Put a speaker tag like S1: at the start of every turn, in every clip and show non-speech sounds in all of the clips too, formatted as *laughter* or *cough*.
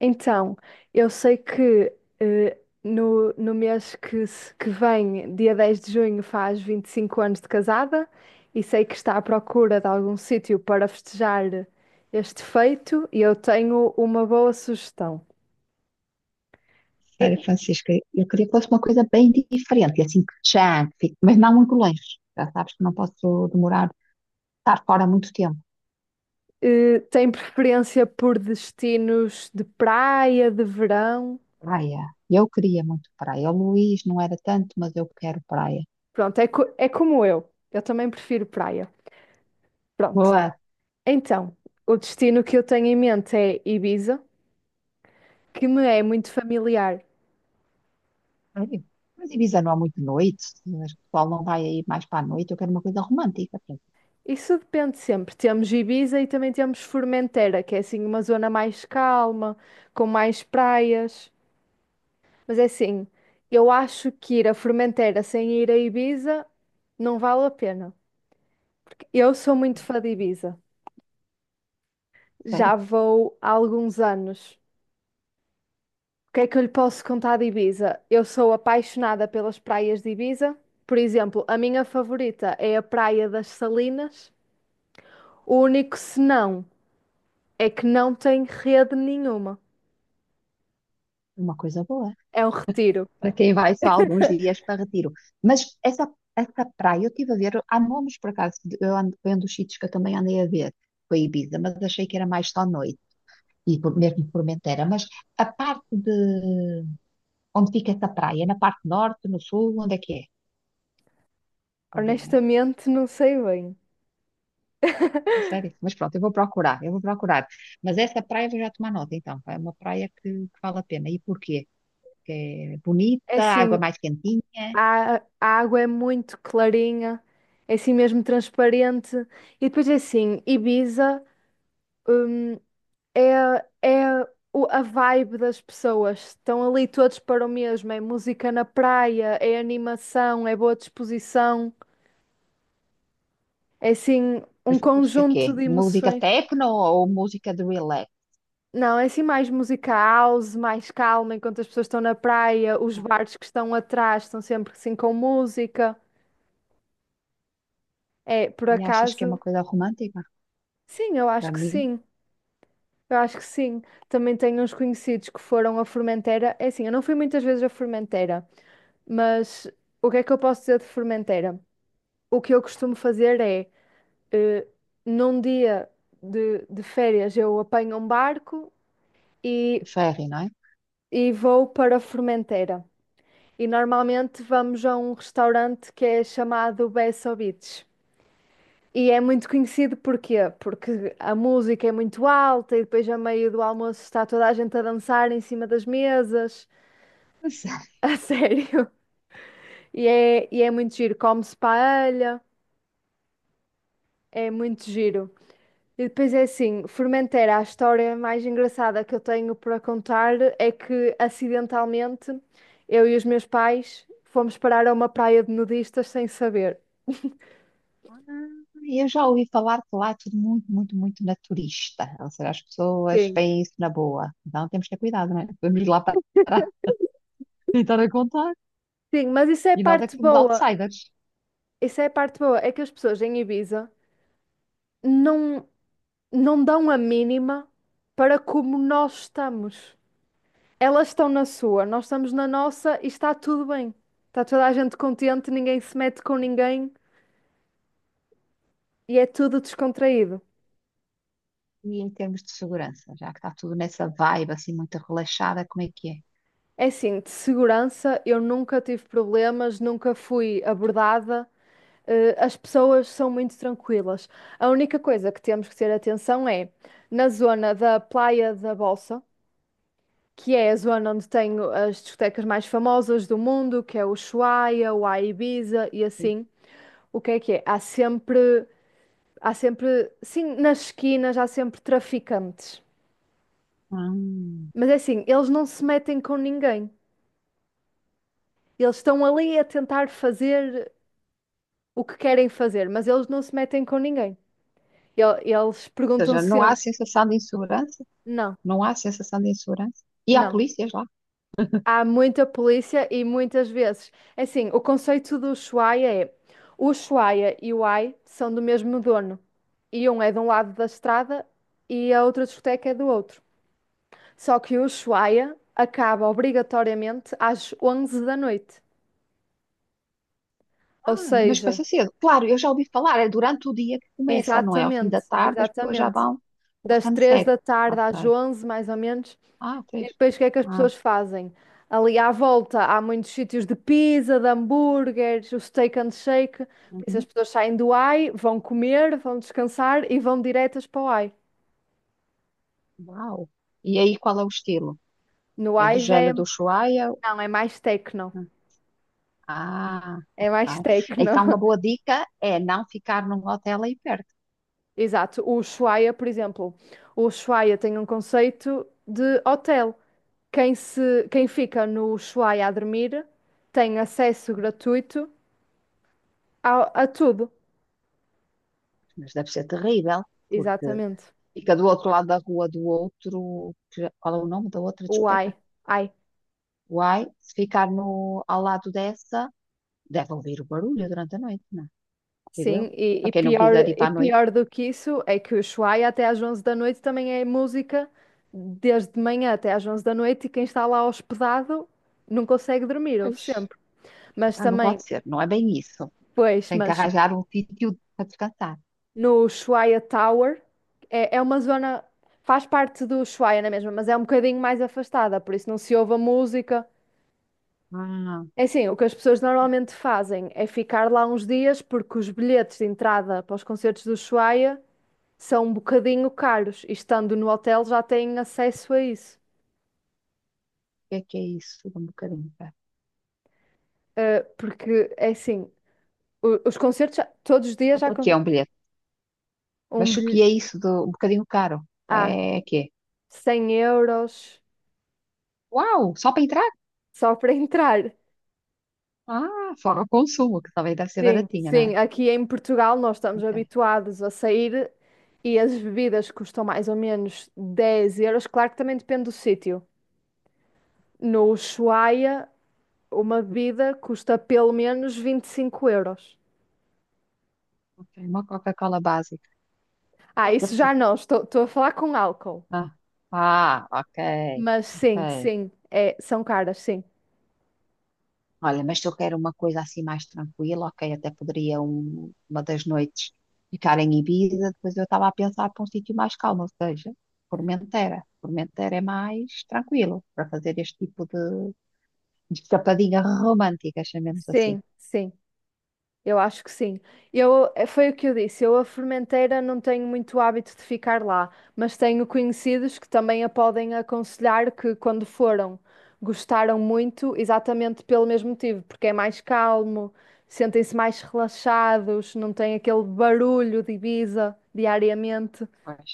S1: Então, eu sei que eh, no mês que, se- que vem, dia 10 de junho, faz 25 anos de casada e sei que está à procura de algum sítio para festejar este feito e eu tenho uma boa sugestão.
S2: Olha,
S1: E-
S2: Francisca, eu queria que fosse uma coisa bem diferente, e assim que já fique, mas não muito longe. Já sabes que não posso demorar, estar fora muito tempo.
S1: Tem preferência por destinos de praia, de verão?
S2: Praia. Eu queria muito praia. O Luís não era tanto, mas eu quero praia.
S1: Pronto, é como eu. Eu também prefiro praia. Pronto.
S2: Boa.
S1: Então, o destino que eu tenho em mente é Ibiza, que me é muito familiar.
S2: Ai, mas Ibiza não há muito noite, acho que o pessoal não vai aí mais para a noite. Eu quero uma coisa romântica. Pronto.
S1: Isso depende sempre. Temos Ibiza e também temos Formentera, que é assim uma zona mais calma, com mais praias. Mas é assim, eu acho que ir a Formentera sem ir a Ibiza não vale a pena. Eu sou muito fã de Ibiza.
S2: Sério,
S1: Já vou há alguns anos. O que é que eu lhe posso contar de Ibiza? Eu sou apaixonada pelas praias de Ibiza. Por exemplo, a minha favorita é a Praia das Salinas. O único senão é que não tem rede nenhuma.
S2: uma coisa boa.
S1: É um retiro.
S2: Para quem vai só alguns dias para Retiro. Mas essa praia, eu estive a ver, há nomes por acaso, eu ando, foi um dos sítios que eu também andei a ver, foi Ibiza, mas achei que era mais só noite, e mesmo Formentera. Mas a parte de onde fica essa praia, na parte norte, no sul, onde é que é? Talvez, mas,
S1: Honestamente, não sei bem.
S2: é sério.
S1: *laughs*
S2: Mas pronto, eu vou procurar, eu vou procurar. Mas essa praia vou já tomar nota, então, é uma praia que vale a pena. E porquê? Que é
S1: É
S2: bonita, água
S1: assim,
S2: mais quentinha.
S1: a água é muito clarinha, é assim mesmo transparente. E depois é assim, Ibiza, eh, é, é a vibe das pessoas. Estão ali todos para o mesmo. É música na praia, é animação, é boa disposição. É assim um
S2: Mas música que é?
S1: conjunto de
S2: Música
S1: emoções.
S2: techno ou música de relax?
S1: Não, é assim mais música house, mais calma, enquanto as pessoas estão na praia, os bares que estão atrás estão sempre assim com música. É, por
S2: E achas que é uma
S1: acaso,
S2: coisa romântica?
S1: sim, eu
S2: Para
S1: acho que
S2: mim,
S1: sim. Eu acho que sim. Também tenho uns conhecidos que foram a Formentera. É assim, eu não fui muitas vezes a Formentera. Mas o que é que eu posso dizer de fermenteira? O que eu costumo fazer é, eh, num dia de férias, eu apanho um barco e,
S2: o ferry, não é?
S1: e vou para a fermenteira. E normalmente vamos a um restaurante que é chamado Besso Beach. E é muito conhecido porquê? Porque a música é muito alta e depois, a meio do almoço, está toda a gente a dançar em cima das mesas. *laughs*
S2: Pois é.
S1: A sério. E é muito giro. Come-se paella, é muito giro. E depois é assim, Formentera, a história mais engraçada que eu tenho para contar é que acidentalmente eu e os meus pais fomos parar a uma praia de nudistas sem saber.
S2: Ah, eu já ouvi falar que lá é tudo muito, muito, muito naturista. Ou seja, as pessoas
S1: Sim.
S2: veem isso na boa. Então temos que ter cuidado, não é? Vamos lá para *laughs* tentar a contar.
S1: Sim, mas isso é a
S2: E nós é
S1: parte
S2: que somos
S1: boa.
S2: outsiders.
S1: Isso é a parte boa, é que as pessoas em Ibiza não não dão a mínima para como nós estamos. Elas estão na sua, nós estamos na nossa e está tudo bem. Está toda a gente contente, ninguém se mete com ninguém e é tudo descontraído.
S2: E em termos de segurança, já que está tudo nessa vibe assim muito relaxada, como é que é?
S1: É assim, de segurança eu nunca tive problemas, nunca fui abordada. As pessoas são muito tranquilas. A única coisa que temos que ter atenção é na zona da Praia da Bolsa, que é a zona onde tenho as discotecas mais famosas do mundo, que é o Ushuaia, o A Ibiza e assim. O que é que é? Há sempre, sim, nas esquinas há sempre traficantes.
S2: Hum.
S1: Mas é assim, eles não se metem com ninguém. Eles estão ali a tentar fazer o que querem fazer, mas eles não se metem com ninguém. Eles
S2: Ou
S1: perguntam
S2: seja, não há
S1: sempre,
S2: sensação de insegurança?
S1: não,
S2: Não há sensação de insegurança? E há
S1: não.
S2: polícias lá?
S1: Há muita polícia e muitas vezes. É assim, o conceito do Ushuaia é: o Ushuaia e o Ai são do mesmo dono. E um é de um lado da estrada e a outra discoteca é do outro. Só que o Ushuaia acaba obrigatoriamente às 11 da noite.
S2: Ah,
S1: Ou
S2: mas
S1: seja,
S2: começa cedo. Claro, eu já ouvi falar, é durante o dia que começa, não é? Ao fim
S1: exatamente,
S2: da tarde as pessoas já
S1: exatamente.
S2: vão ao
S1: Das 3
S2: sunset.
S1: da tarde às
S2: Ok.
S1: 11 mais ou menos.
S2: Ah,
S1: E
S2: fez.
S1: depois o que é que as
S2: Ah,
S1: pessoas fazem? Ali à volta há muitos sítios de pizza, de hambúrgueres, o steak and shake. Por isso as
S2: uhum.
S1: pessoas saem do AI, vão comer, vão descansar e vão diretas para o AI.
S2: Uau. E aí qual é o estilo?
S1: No
S2: É do
S1: AI já é.
S2: género do Ushuaia?
S1: Não, é mais tecno.
S2: Ah,
S1: É
S2: ok.
S1: mais tecno.
S2: Então uma boa
S1: *laughs*
S2: dica é não ficar num hotel aí perto,
S1: Exato. O Ushuaia, por exemplo. O Ushuaia tem um conceito de hotel. Quem fica no Ushuaia a dormir tem acesso gratuito a tudo.
S2: mas deve ser terrível, porque
S1: Exatamente.
S2: fica do outro lado da rua do outro, qual é o nome da outra
S1: O
S2: discoteca?
S1: AI. Ai.
S2: Uai, se ficar no, ao lado dessa, deve ouvir o barulho durante a noite, não é? Digo eu.
S1: Sim,
S2: Para quem não quiser ir para
S1: e
S2: a noite,
S1: pior do que isso é que o Ushuaia até às 11 da noite também é música desde de manhã até às 11 da noite e quem está lá hospedado não consegue dormir, ouve
S2: pois,
S1: sempre. Mas
S2: tá, não
S1: também,
S2: pode ser, não é bem isso.
S1: pois,
S2: Tem que
S1: mas
S2: arranjar um sítio para descansar.
S1: no Ushuaia Tower é uma zona, faz parte do Ushuaia na mesma, mas é um bocadinho mais afastada, por isso não se ouve a música.
S2: Ah, o
S1: É assim, o que as pessoas normalmente fazem é ficar lá uns dias porque os bilhetes de entrada para os concertos do Ushuaia são um bocadinho caros e estando no hotel já têm acesso a isso.
S2: que é isso? Um bocadinho caro.
S1: Porque é assim, os concertos todos os dias já
S2: Quanto é
S1: com
S2: que é um bilhete?
S1: um
S2: Mas o que
S1: bilhete.
S2: é isso de um bocadinho caro?
S1: Ah,
S2: É que é?
S1: 100 euros
S2: Uau, só para entrar?
S1: só para *laughs* entrar.
S2: Ah, fora o consumo, que também deve ser
S1: Sim,
S2: baratinha, não é?
S1: sim, aqui em Portugal nós estamos
S2: Ok,
S1: habituados a sair e as bebidas custam mais ou menos 10 euros. Claro que também depende do sítio. No Ushuaia, uma bebida custa pelo menos 25 euros.
S2: ok, uma Coca-Cola básica.
S1: Ah, isso já
S2: *laughs*
S1: não, estou a falar com álcool.
S2: Ah, ah, ok,
S1: Mas
S2: ok.
S1: sim, sim, é, são caras, sim.
S2: Olha, mas se eu quero uma coisa assim mais tranquila, ok, até poderia uma das noites ficar em Ibiza, depois eu estava a pensar para um sítio mais calmo, ou seja, Formentera. Formentera é mais tranquilo para fazer este tipo de escapadinha romântica, chamemos assim.
S1: Sim, sim, eu acho que sim. Foi o que eu disse, eu a fermenteira não tenho muito hábito de ficar lá, mas tenho conhecidos que também a podem aconselhar que quando foram, gostaram muito, exatamente pelo mesmo motivo, porque é mais calmo, sentem-se mais relaxados, não tem aquele barulho de Ibiza diariamente.
S2: Pois.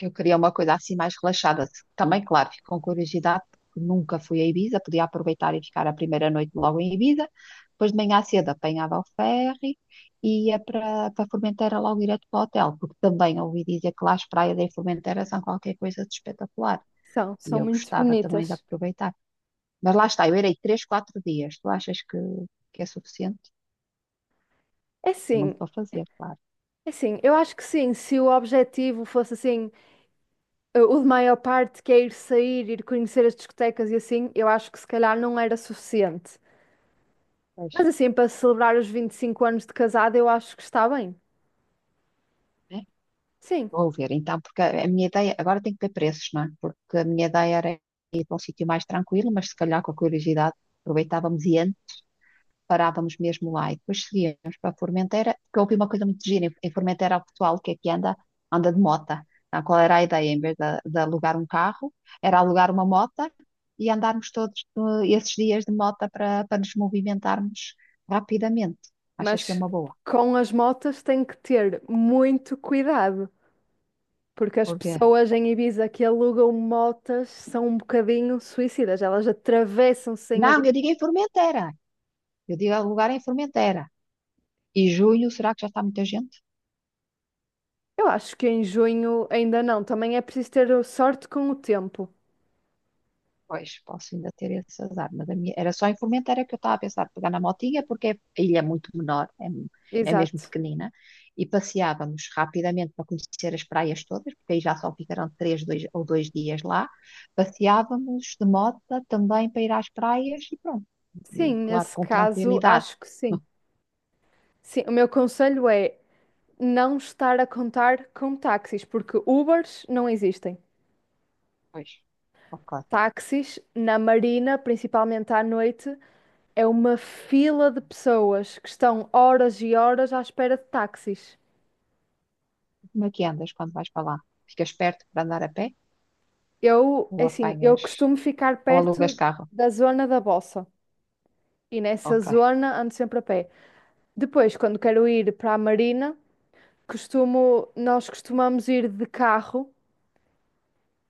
S2: Eu queria uma coisa assim mais relaxada. Também, claro, fico com curiosidade, porque nunca fui a Ibiza, podia aproveitar e ficar a primeira noite logo em Ibiza. Depois de manhã cedo apanhava o ferry e ia para Formentera logo direto para o hotel, porque também ouvi dizer que lá as praias em Formentera são qualquer coisa de espetacular.
S1: São,
S2: E
S1: são
S2: eu
S1: muito
S2: gostava também de
S1: bonitas.
S2: aproveitar. Mas lá está, eu irei três, quatro dias. Tu achas que é suficiente?
S1: É
S2: Há muito
S1: sim,
S2: para fazer, claro.
S1: é sim, eu acho que sim, se o objetivo fosse assim o de maior parte que é ir sair, ir conhecer as discotecas e assim, eu acho que se calhar não era suficiente.
S2: Pois.
S1: Mas assim, para celebrar os 25 anos de casada, eu acho que está bem.
S2: É,
S1: Sim,
S2: vou ver, então, porque a minha ideia, agora tem que ter preços, não é? Porque a minha ideia era ir para um sítio mais tranquilo, mas se calhar com a curiosidade aproveitávamos e antes parávamos mesmo lá e depois seguíamos para a Formentera, porque eu ouvi uma coisa muito gira, em Formentera o pessoal que aqui anda, anda de mota. Então, qual era a ideia? Em vez de alugar um carro, era alugar uma mota e andarmos todos esses dias de mota para nos movimentarmos rapidamente. Achas que é
S1: mas
S2: uma boa?
S1: com as motas tem que ter muito cuidado, porque as
S2: Porque...
S1: pessoas em Ibiza que alugam motas são um bocadinho suicidas, elas atravessam sem
S2: Não, eu
S1: avisar.
S2: digo em Formentera, eu digo alugar em Formentera. E junho, será que já está muita gente?
S1: Eu acho que em junho ainda não, também é preciso ter sorte com o tempo.
S2: Pois, posso ainda ter esse azar. Mas a minha, era só em Formentera que eu estava a pensar pegar na motinha, porque a ilha é muito menor, é, é mesmo
S1: Exato.
S2: pequenina, e passeávamos rapidamente para conhecer as praias todas, porque aí já só ficarão três dois, ou dois dias lá. Passeávamos de moto também para ir às praias e pronto. E
S1: Sim,
S2: claro,
S1: nesse
S2: com
S1: caso,
S2: tranquilidade.
S1: acho que sim. Sim, o meu conselho é não estar a contar com táxis, porque Ubers não existem.
S2: Pois, ok.
S1: Táxis na Marina, principalmente à noite, é uma fila de pessoas que estão horas e horas à espera de táxis.
S2: Como é que andas quando vais para lá? Ficas perto para andar a pé?
S1: Eu,
S2: Ou
S1: é assim, eu
S2: apanhas,
S1: costumo ficar
S2: ou alugas
S1: perto
S2: carro?
S1: da zona da Bossa e nessa
S2: Ok.
S1: zona ando sempre a pé. Depois, quando quero ir para a Marina, costumo, nós costumamos ir de carro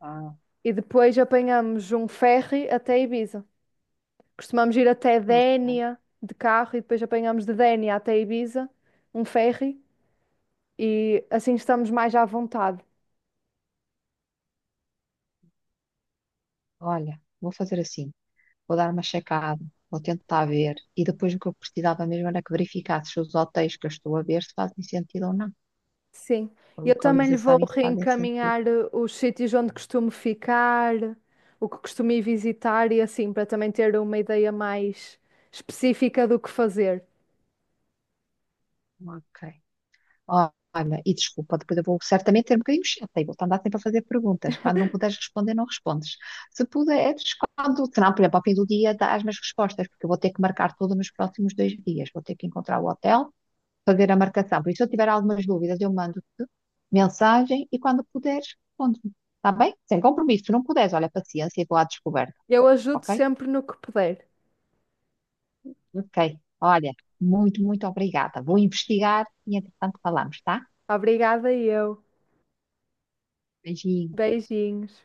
S2: Ah.
S1: e depois apanhamos um ferry até Ibiza. Costumamos ir até
S2: Não, cara.
S1: Dénia de carro e depois apanhamos de Dénia até Ibiza, um ferry, e assim estamos mais à vontade.
S2: Olha, vou fazer assim, vou dar uma checada, vou tentar ver, e depois o que eu precisava mesmo era que verificasse se os hotéis que eu estou a ver se fazem sentido ou não,
S1: Sim.
S2: a
S1: Eu também lhe vou
S2: localização e se fazem sentido.
S1: reencaminhar os sítios onde costumo ficar, o que costumo ir visitar e assim, para também ter uma ideia mais específica do que fazer.
S2: Ok. Ó, olha, e desculpa, depois eu vou certamente ter um bocadinho chata e vou-te andar sempre a fazer perguntas. Quando não puderes responder, não respondes. Se puderes, quando, se não, por exemplo, ao fim do dia, dás-me as respostas, porque eu vou ter que marcar tudo nos próximos dois dias. Vou ter que encontrar o hotel, fazer a marcação. Por isso, se eu tiver algumas dúvidas, eu mando-te mensagem e quando puderes, responde-me. Está bem? Sem compromisso. Se não puderes, olha, paciência e vou à descoberta.
S1: Eu ajudo
S2: Ok?
S1: sempre no que puder.
S2: Ok. Olha, muito, muito obrigada. Vou investigar e, entretanto, falamos, tá?
S1: Obrigada, eu.
S2: Beijinho.
S1: Beijinhos.